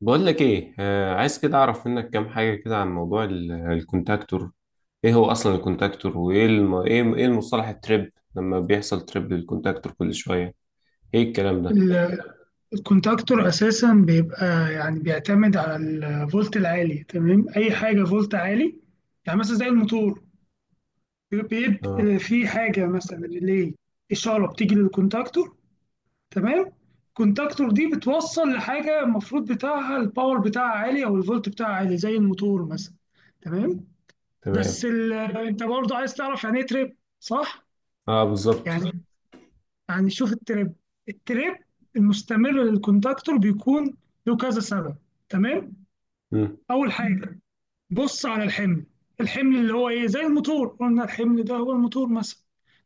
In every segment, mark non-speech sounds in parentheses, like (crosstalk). بقول لك ايه، عايز كده اعرف منك كام حاجه كده عن موضوع الكونتاكتور. ايه هو اصلا الكونتاكتور، وايه الم... ايه ايه المصطلح التريب لما بيحصل تريب للكونتاكتور كل شويه؟ ايه الكلام ده؟ ال- الكونتاكتور اساسا بيبقى، يعني بيعتمد على الفولت العالي. تمام، اي حاجه فولت عالي، يعني مثلا زي الموتور، اه، بيبقى في حاجه مثلا ريلي، اشاره بتيجي للكونتاكتور. تمام، الكونتاكتور دي بتوصل لحاجه المفروض بتاعها الباور بتاعها عالي او الفولت بتاعها عالي زي الموتور مثلا. تمام، تمام. بس انت برضه عايز تعرف يعني ايه تريب، صح؟ اه، بالظبط. يعني يعني شوف التريب، التريب المستمر للكونتاكتور بيكون له كذا سبب. تمام، مم. اول حاجه، بص على الحمل، الحمل اللي هو ايه، زي الموتور قلنا الحمل ده هو الموتور مثلا.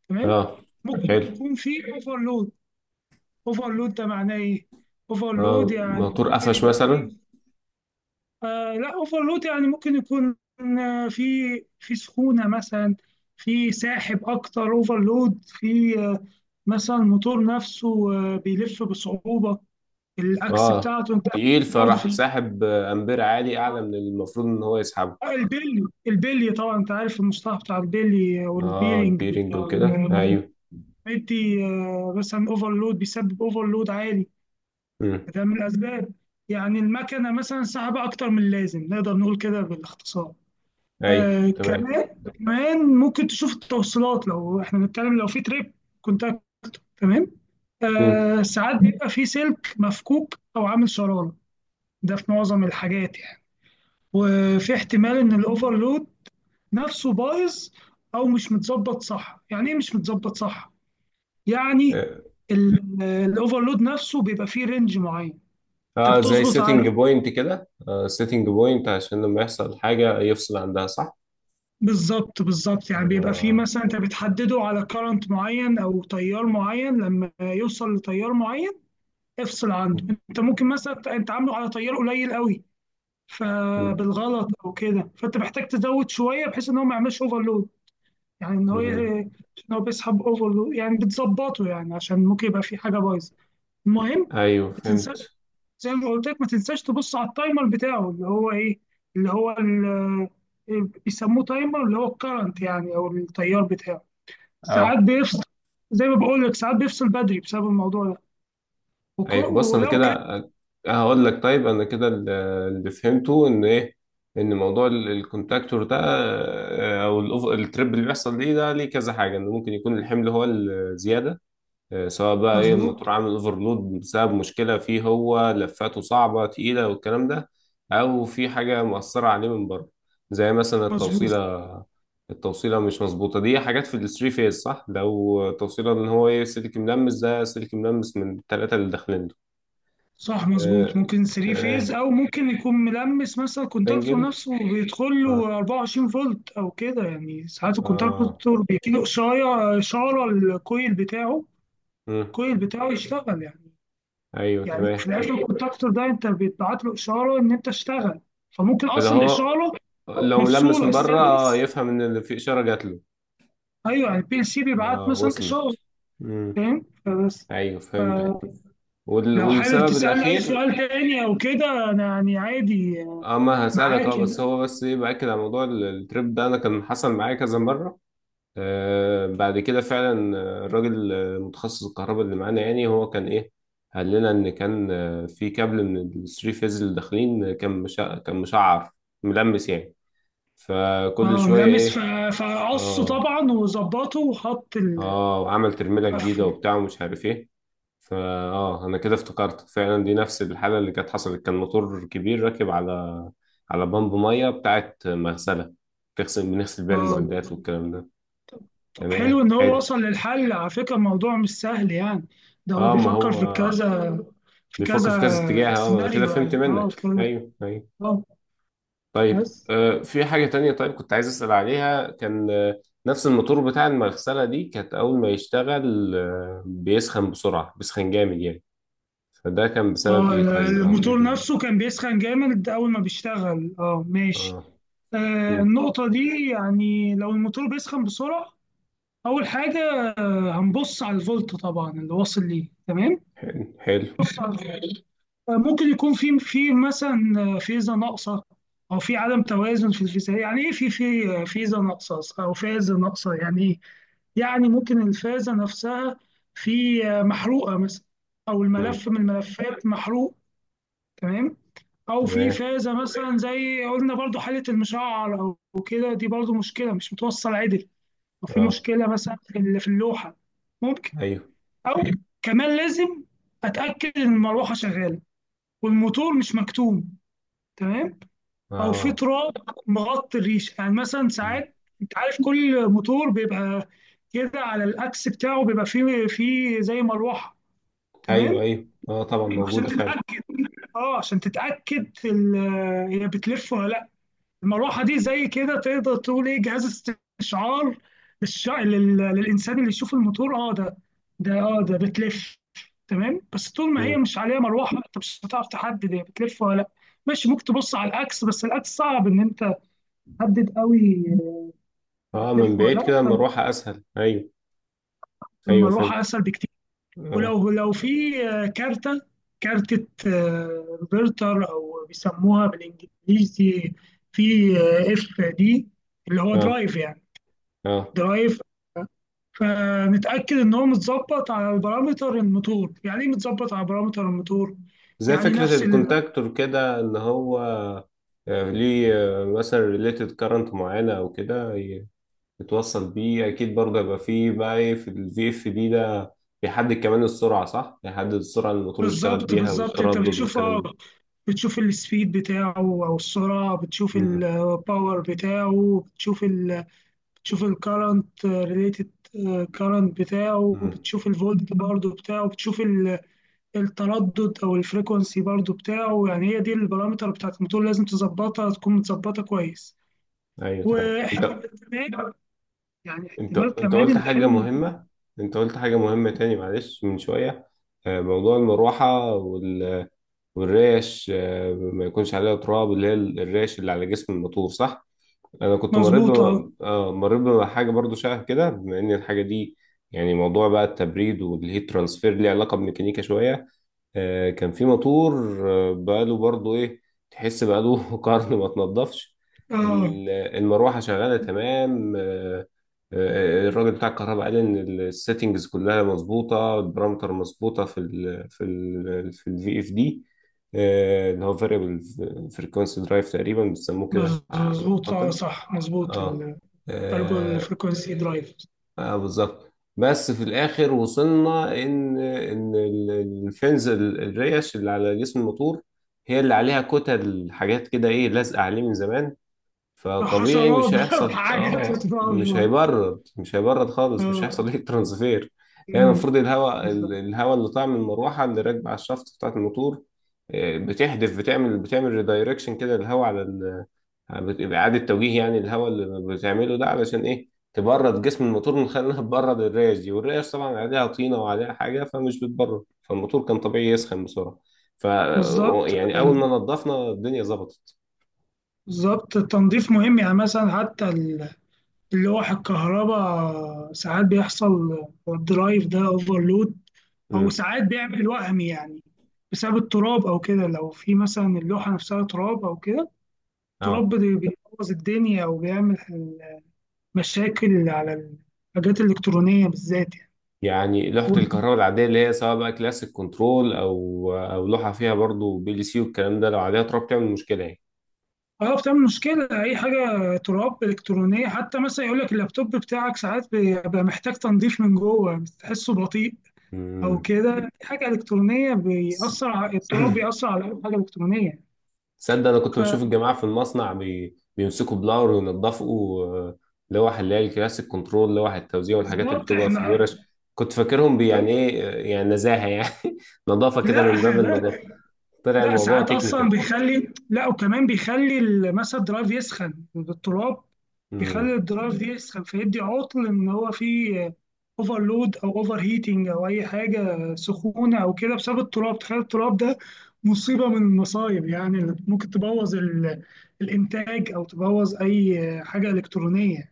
تمام، اه، ممكن حلو. يكون فيه اوفرلود. اوفرلود ده معناه ايه؟ اوفرلود اه، يعني موتور ممكن قفش يبقى مثلا. فيه، آه لا، اوفرلود يعني ممكن يكون، آه، في في سخونه مثلا، في ساحب اكتر، اوفرلود. في مثلا الموتور نفسه بيلف بصعوبه، الاكس اه، بتاعته انت. تقيل برضه فراح في ساحب امبير عالي اعلى من المفروض ان هو يسحبه. البيلي، البيلي طبعا انت عارف المصطلح بتاع البيلي اه، والبيرنج البيرنج بتاع وكده، ايوه. بيدي. مثلا اوفرلود بيسبب اوفرلود عالي. مم. ده من الاسباب، يعني المكنه مثلا سحبه اكتر من اللازم، نقدر نقول كده بالاختصار. ايوه، آه تمام. كمان، كمان ممكن تشوف التوصيلات. لو احنا بنتكلم لو في تريب كونتاكت، تمام، مم. آه ساعات بيبقى في سلك مفكوك او عامل شراره. ده في معظم الحاجات يعني. وفي احتمال ان الاوفرلود نفسه بايظ او مش متظبط صح. يعني ايه مش متظبط صح؟ يعني آه. الاوفرلود نفسه بيبقى فيه رينج معين، انت اه، زي بتظبط عليه. سيتنج بوينت كده، سيتنج بوينت عشان لما يحصل حاجة يفصل عندها، صح؟ بالظبط بالظبط، يعني بيبقى فيه، آه. مثلا انت بتحدده على كارنت معين او تيار معين، لما يوصل لتيار معين افصل عنده. انت ممكن مثلا انت عامله على تيار قليل قوي، مم. فبالغلط او كده، فانت محتاج تزود شويه بحيث ان هو ما يعملش اوفرلود. يعني ان هو مم. عشان هو بيسحب اوفر، يعني بتظبطه، يعني عشان ممكن يبقى في حاجه بايظه. المهم، ايوه، ما تنسى، فهمت. زي ما قلت لك ما تنساش تبص على التايمر بتاعه، اللي هو ايه، اللي هو إيه، بيسموه تايمر، اللي هو الكرنت يعني، او التيار بتاعه، ساعات اه. بيفصل. زي ما بقول لك ساعات بيفصل بدري بسبب الموضوع ده. ايوه، بص، انا ولو كده كان آه، هقول لك. طيب، اللي فهمته ان ايه، ان موضوع الكونتاكتور ده، او التريب اللي بيحصل ليه ده، ليه كذا حاجة، انه ممكن يكون الحمل هو الزيادة، سواء بقى ايه مظبوط، الموتور عامل اوفرلود بسبب مشكلة فيه، هو لفاته صعبة تقيلة والكلام ده، او في حاجة مؤثرة عليه من بره، زي مثلا مظبوط، التوصيلة. التوصيلة مش مظبوطة، دي حاجات في الثري فيز، صح لو توصيلة ان هو ايه، سلك ملمس، ده سلك ملمس من التلاتة اللي داخلين دول. صح، مظبوط. آه، ممكن 3 تمام. فيز، او ممكن يكون ملمس مثلا. الكونتاكتور سنجل. نفسه بيدخل اه، له 24 فولت او كده يعني. ساعات اه. الكونتاكتور بيجيله اشاره، اشاره الكويل بتاعه، مم. الكويل بتاعه يشتغل يعني. ايوه، يعني في تمام. الاخر الكونتاكتور ده انت بتبعت له اشاره ان انت اشتغل، فممكن فاللي اصلا هو الاشاره لو ملمس مفصوله من بره، السيرفيس. يفهم ان اللي في، اشارة جات له. ايوه، يعني البي ال سي بيبعت اه، مثلا اشاره. وصلت. مم. فاهم؟ ايوه، فهمتك. فبس، لو حابب والسبب تسألني أي الاخير؟ سؤال تاني أو كده أنا يعني عادي. اه، ما هسألك. اه معاك يعني. بس هو بس باكد على موضوع التريب ده، انا كان حصل معايا كذا مرة. بعد كده فعلا، الراجل متخصص الكهرباء اللي معانا، يعني هو كان ايه، قال لنا ان كان في كابل من الثري فيز اللي داخلين، كان مشعر. ملمس يعني. فكل اه، شوية ملمس، ايه. فقصه اه. طبعا، وظبطه، وحط اه، وعمل ترميلة جديدة قفل. وبتاع ومش عارف ايه. فا اه، انا كده افتكرت فعلا. دي نفس الحاله اللي كانت حصلت. كان موتور كبير راكب على بمب ميه بتاعت مغسله، بنغسل بيها اه، المعدات والكلام ده. طب حلو تمام، ان هو حلو. وصل للحل. على فكره الموضوع مش سهل يعني، ده هو اه، ما بيفكر في هو كذا، في بيفكر في كذا اتجاه. كذا اه انا كده سيناريو فهمت يعني. اه في منك، كذا. ايوه، ايوه. اه طيب، بس، في حاجه تانية. طيب كنت عايز اسال عليها، كان نفس الموتور بتاع المغسله دي كانت اول ما يشتغل بيسخن بسرعه، بيسخن جامد يعني. فده كان بسبب اه، ايه طيب؟ او ايه الموتور ال- نفسه كان بيسخن جامد اول ما بيشتغل، اه ماشي. اه. آه مم. النقطه دي، يعني لو الموتور بيسخن بسرعه، اول حاجه هنبص على الفولت طبعا اللي واصل ليه. تمام، حلو. بص على الفولت. ممكن يكون في في مثلا فيزا ناقصه، او في عدم توازن في الفيزا. يعني ايه في فيزا ناقصه او فازه ناقصه؟ يعني ايه؟ يعني ممكن الفازه نفسها في محروقه مثلا، او مم. الملف من الملفات محروق. تمام، او في تمام. فازه مثلا زي قلنا برضو حاله المشعر او كده، دي برضو مشكله، مش متوصل عدل. او في اه، مشكله مثلا في في اللوحه ممكن. ايوه. او كمان لازم اتاكد ان المروحه شغاله والموتور مش مكتوم. تمام، او في اه. تراب مغطي الريشه يعني، مثلا مم. ساعات. انت عارف كل موتور بيبقى كده على الاكس بتاعه بيبقى فيه زي مروحه. تمام، ايوه، ايوه، اه، طبعا عشان موجوده فعلا. تتاكد. اه عشان تتاكد هي بتلف ولا لا. المروحه دي زي كده تقدر تقول ايه، جهاز استشعار للانسان اللي يشوف الموتور اه ده، ده بتلف. تمام، بس طول ما هي مم. مش عليها مروحه انت مش هتعرف تحدد هي بتلف ولا لا. ماشي، ممكن تبص على الاكس، بس الاكس صعب ان انت تحدد قوي اه، من بتلف ولا بعيد كده لا. المروحه اسهل، ايوه. ايوه، فهمت. فالمروحه اسهل بكتير. اه. ولو لو في كارته، كارتة روبرتر، او بيسموها بالانجليزي، في اف دي، اللي هو اه، درايف يعني، اه، درايف، فنتأكد إن هو متظبط على البارامتر الموتور. يعني إيه متظبط على بارامتر الموتور؟ زي يعني فكره نفس الكونتاكتور كده، ان هو ليه مثلا ريليتد كارنت معينه او كده، يتوصل بيه اكيد، برضه يبقى فيه بقى إيه، في الفي اف دي ده بيحدد كمان السرعه، صح؟ بيحدد السرعه اللي الموتور يشتغل بالظبط بيها، بالظبط. أنت والتردد بتشوف والكلام اه، ده. بتشوف السبيد بتاعه أو السرعة، بتشوف مم. الباور بتاعه، بتشوف ال، بتشوف الكرنت ريليتد، كرنت بتاعه، مم. بتشوف الفولت برضه بتاعه، بتشوف التردد أو الفريكونسي برضه بتاعه. يعني هي دي البارامتر بتاعت الموتور، لازم تظبطها تكون متظبطة كويس. ايوه، تمام. واحتمال كمان، يعني احتمال انت كمان قلت حاجة الحمل يكون مهمة. انت قلت حاجة مهمة تاني، معلش، من شوية، موضوع المروحة والريش، ما يكونش عليها تراب، اللي هي الريش اللي على جسم الموتور، صح؟ انا كنت مريت مظبوط. اه بم... آه، مريت بحاجة برضو شبه كده، بما ان الحاجة دي يعني موضوع بقى التبريد والهيت ترانسفير ليه علاقة بميكانيكا شوية. كان في موتور، بقاله برضو ايه، تحس بقاله (laughs) قرن ما اتنضفش. اه المروحه شغاله تمام. الراجل بتاع الكهرباء قال ان السيتنجز كلها مظبوطه، البارامتر مظبوطه في الفي اف دي، اللي هو فاريبل فريكونسي درايف تقريبا بيسموه كده مظبوط، اه اعتقد. صح مظبوط، اه. ترجو آه، الفريكونسي درايف. اه، بالظبط. بس في الاخر وصلنا ان الريش اللي على جسم الموتور، هي اللي عليها كتل حاجات كده، ايه، لازقه عليه من زمان. فطبيعي حشرات مش بقى (laughs) هيحصل، وحاجات مش بتتعب. هيبرد، مش هيبرد خالص، مش اه هيحصل ايه ترانسفير. يعني أمم، المفروض الهواء، بالظبط الهواء اللي طالع من المروحه اللي راكبه على الشافت بتاعت الموتور، بتحدف، بتعمل ريدايركشن كده الهواء على إعادة توجيه، يعني الهواء اللي بتعمله ده علشان إيه، تبرد جسم الموتور من خلال إنها تبرد الريش دي، والريش طبعا عليها طينة وعليها حاجة، فمش بتبرد، فالموتور كان طبيعي يسخن بسرعة. ف يعني أول ما نضفنا الدنيا ظبطت. بالظبط، التنظيف مهم، يعني مثلا حتى اللوح الكهرباء ساعات بيحصل الدرايف ده اوفرلود، او امم. ساعات بيعمل وهم يعني بسبب التراب او كده. لو في مثلا اللوحه نفسها تراب او كده، التراب أه. بيبوظ الدنيا وبيعمل مشاكل على الحاجات الالكترونيه بالذات يعني. يعني لوحة و، الكهرباء العادية، اللي هي سواء بقى كلاسيك كنترول أو لوحة فيها برضو بي ال سي والكلام ده، لو عليها تراب تعمل مشكلة يعني. اه بتعمل مشكله. اي حاجه تراب الكترونيه، حتى مثلا يقول لك اللابتوب بتاعك ساعات بيبقى محتاج تنظيف من جوه، بتحسه بطيء او امم. كده. حاجه الكترونيه، بيأثر، على التراب (coughs) بيأثر على اي حاجه الكترونيه. تصدق انا كنت بشوف الجماعه في المصنع، بيمسكوا بلاور وينضفوا، لوح اللي هي الكلاسيك كنترول، لوح التوزيع والحاجات اللي فبالظبط بتبقى في احنا، الورش، كنت فاكرهم يعني ايه، يعني نزاهه يعني (laughs) نظافه كده، لا من باب النظافه. لا طلع لا، الموضوع ساعات اصلا تكنيكال. بيخلي، لا وكمان بيخلي مثلا الدرايف يسخن. التراب بيخلي امم. الدرايف يسخن، فيدي عطل ان هو فيه اوفرلود او اوفر هيتنج او اي حاجه سخونه او كده بسبب التراب. تخيل التراب ده مصيبه من المصايب، يعني اللي ممكن تبوظ الانتاج او تبوظ اي حاجه الكترونيه.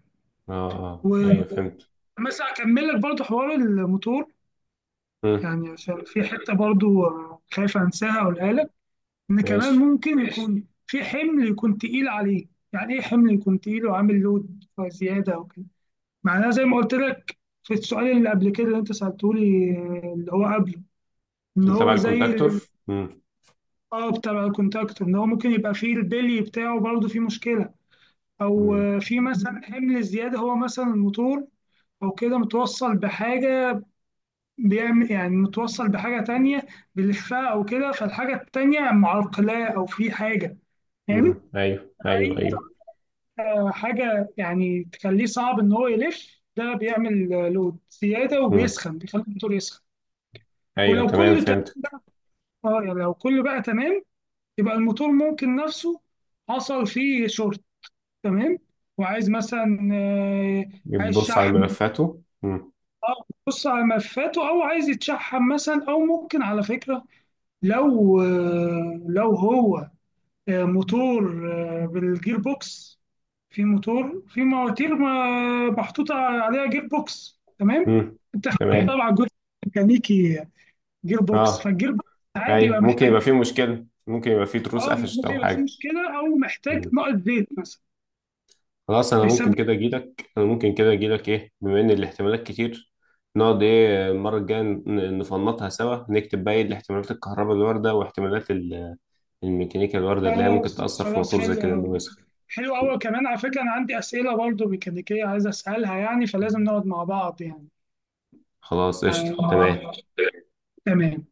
اه، اه، ايوه، فهمت. بس هكمل لك برضه حوار الموتور، امم. يعني عشان في حتة برضه خايف أنساها أقولها لك. إن كمان ماشي. ممكن ماشي يكون في حمل يكون تقيل عليه. يعني إيه حمل يكون تقيل وعامل لود زيادة أو كده؟ معناها زي ما قلت لك في السؤال اللي قبل كده اللي أنت سألته لي، اللي هو قبله، إن اللي تبع هو زي الكونتاكتور. امم، اه بتاع الكونتاكتور، إن هو ممكن يبقى فيه البلي بتاعه برضه فيه مشكلة، أو امم، في مثلا حمل زيادة، هو مثلا الموتور أو كده متوصل بحاجة، بيعمل يعني متوصل بحاجة تانية بيلفها أو كده، فالحاجة التانية معرقلاه، أو في حاجة يعني امم. ايوه، ايوه، أي ايوه. حاجة يعني تخليه صعب إن هو يلف. ده بيعمل لود زيادة امم. وبيسخن، بيخلي الموتور يسخن. ايوه، ولو تمام، كله تمام، فهمت. يعني لو كله بقى تمام، يبقى الموتور ممكن نفسه حصل فيه شورت. تمام، وعايز مثلا عايز بتبص على شحم. ملفاته. امم. اه بص على ملفاته، او عايز يتشحم مثلا. او ممكن على فكره لو لو هو موتور بالجير بوكس. في موتور، في مواتير محطوط عليها جير بوكس. تمام امم. انت، تمام. طبعا جزء ميكانيكي جير بوكس، اه، فالجير بوكس ساعات ايوه، بيبقى ممكن يبقى فيه محتاج. مشكلة، ممكن يبقى فيه تروس اه قفشت ممكن او يبقى فيه حاجة. مشكله او محتاج مم. نقط زيت مثلا، خلاص، فيسبب. انا ممكن كده اجيلك ايه، بما ان الاحتمالات كتير، نقعد ايه المرة الجاية، نفنطها سوا، نكتب بقى ايه الاحتمالات الكهرباء الواردة، واحتمالات الميكانيكا الواردة اللي هي خلاص ممكن تأثر في خلاص، موتور زي حلو كده، قوي، انه يسخن. حلو قوي. كمان على فكره انا عندي اسئله برضو ميكانيكيه عايز اسالها يعني، فلازم نقعد مع بعض يعني. خلاص، آه، قشطة، تمام. تمام.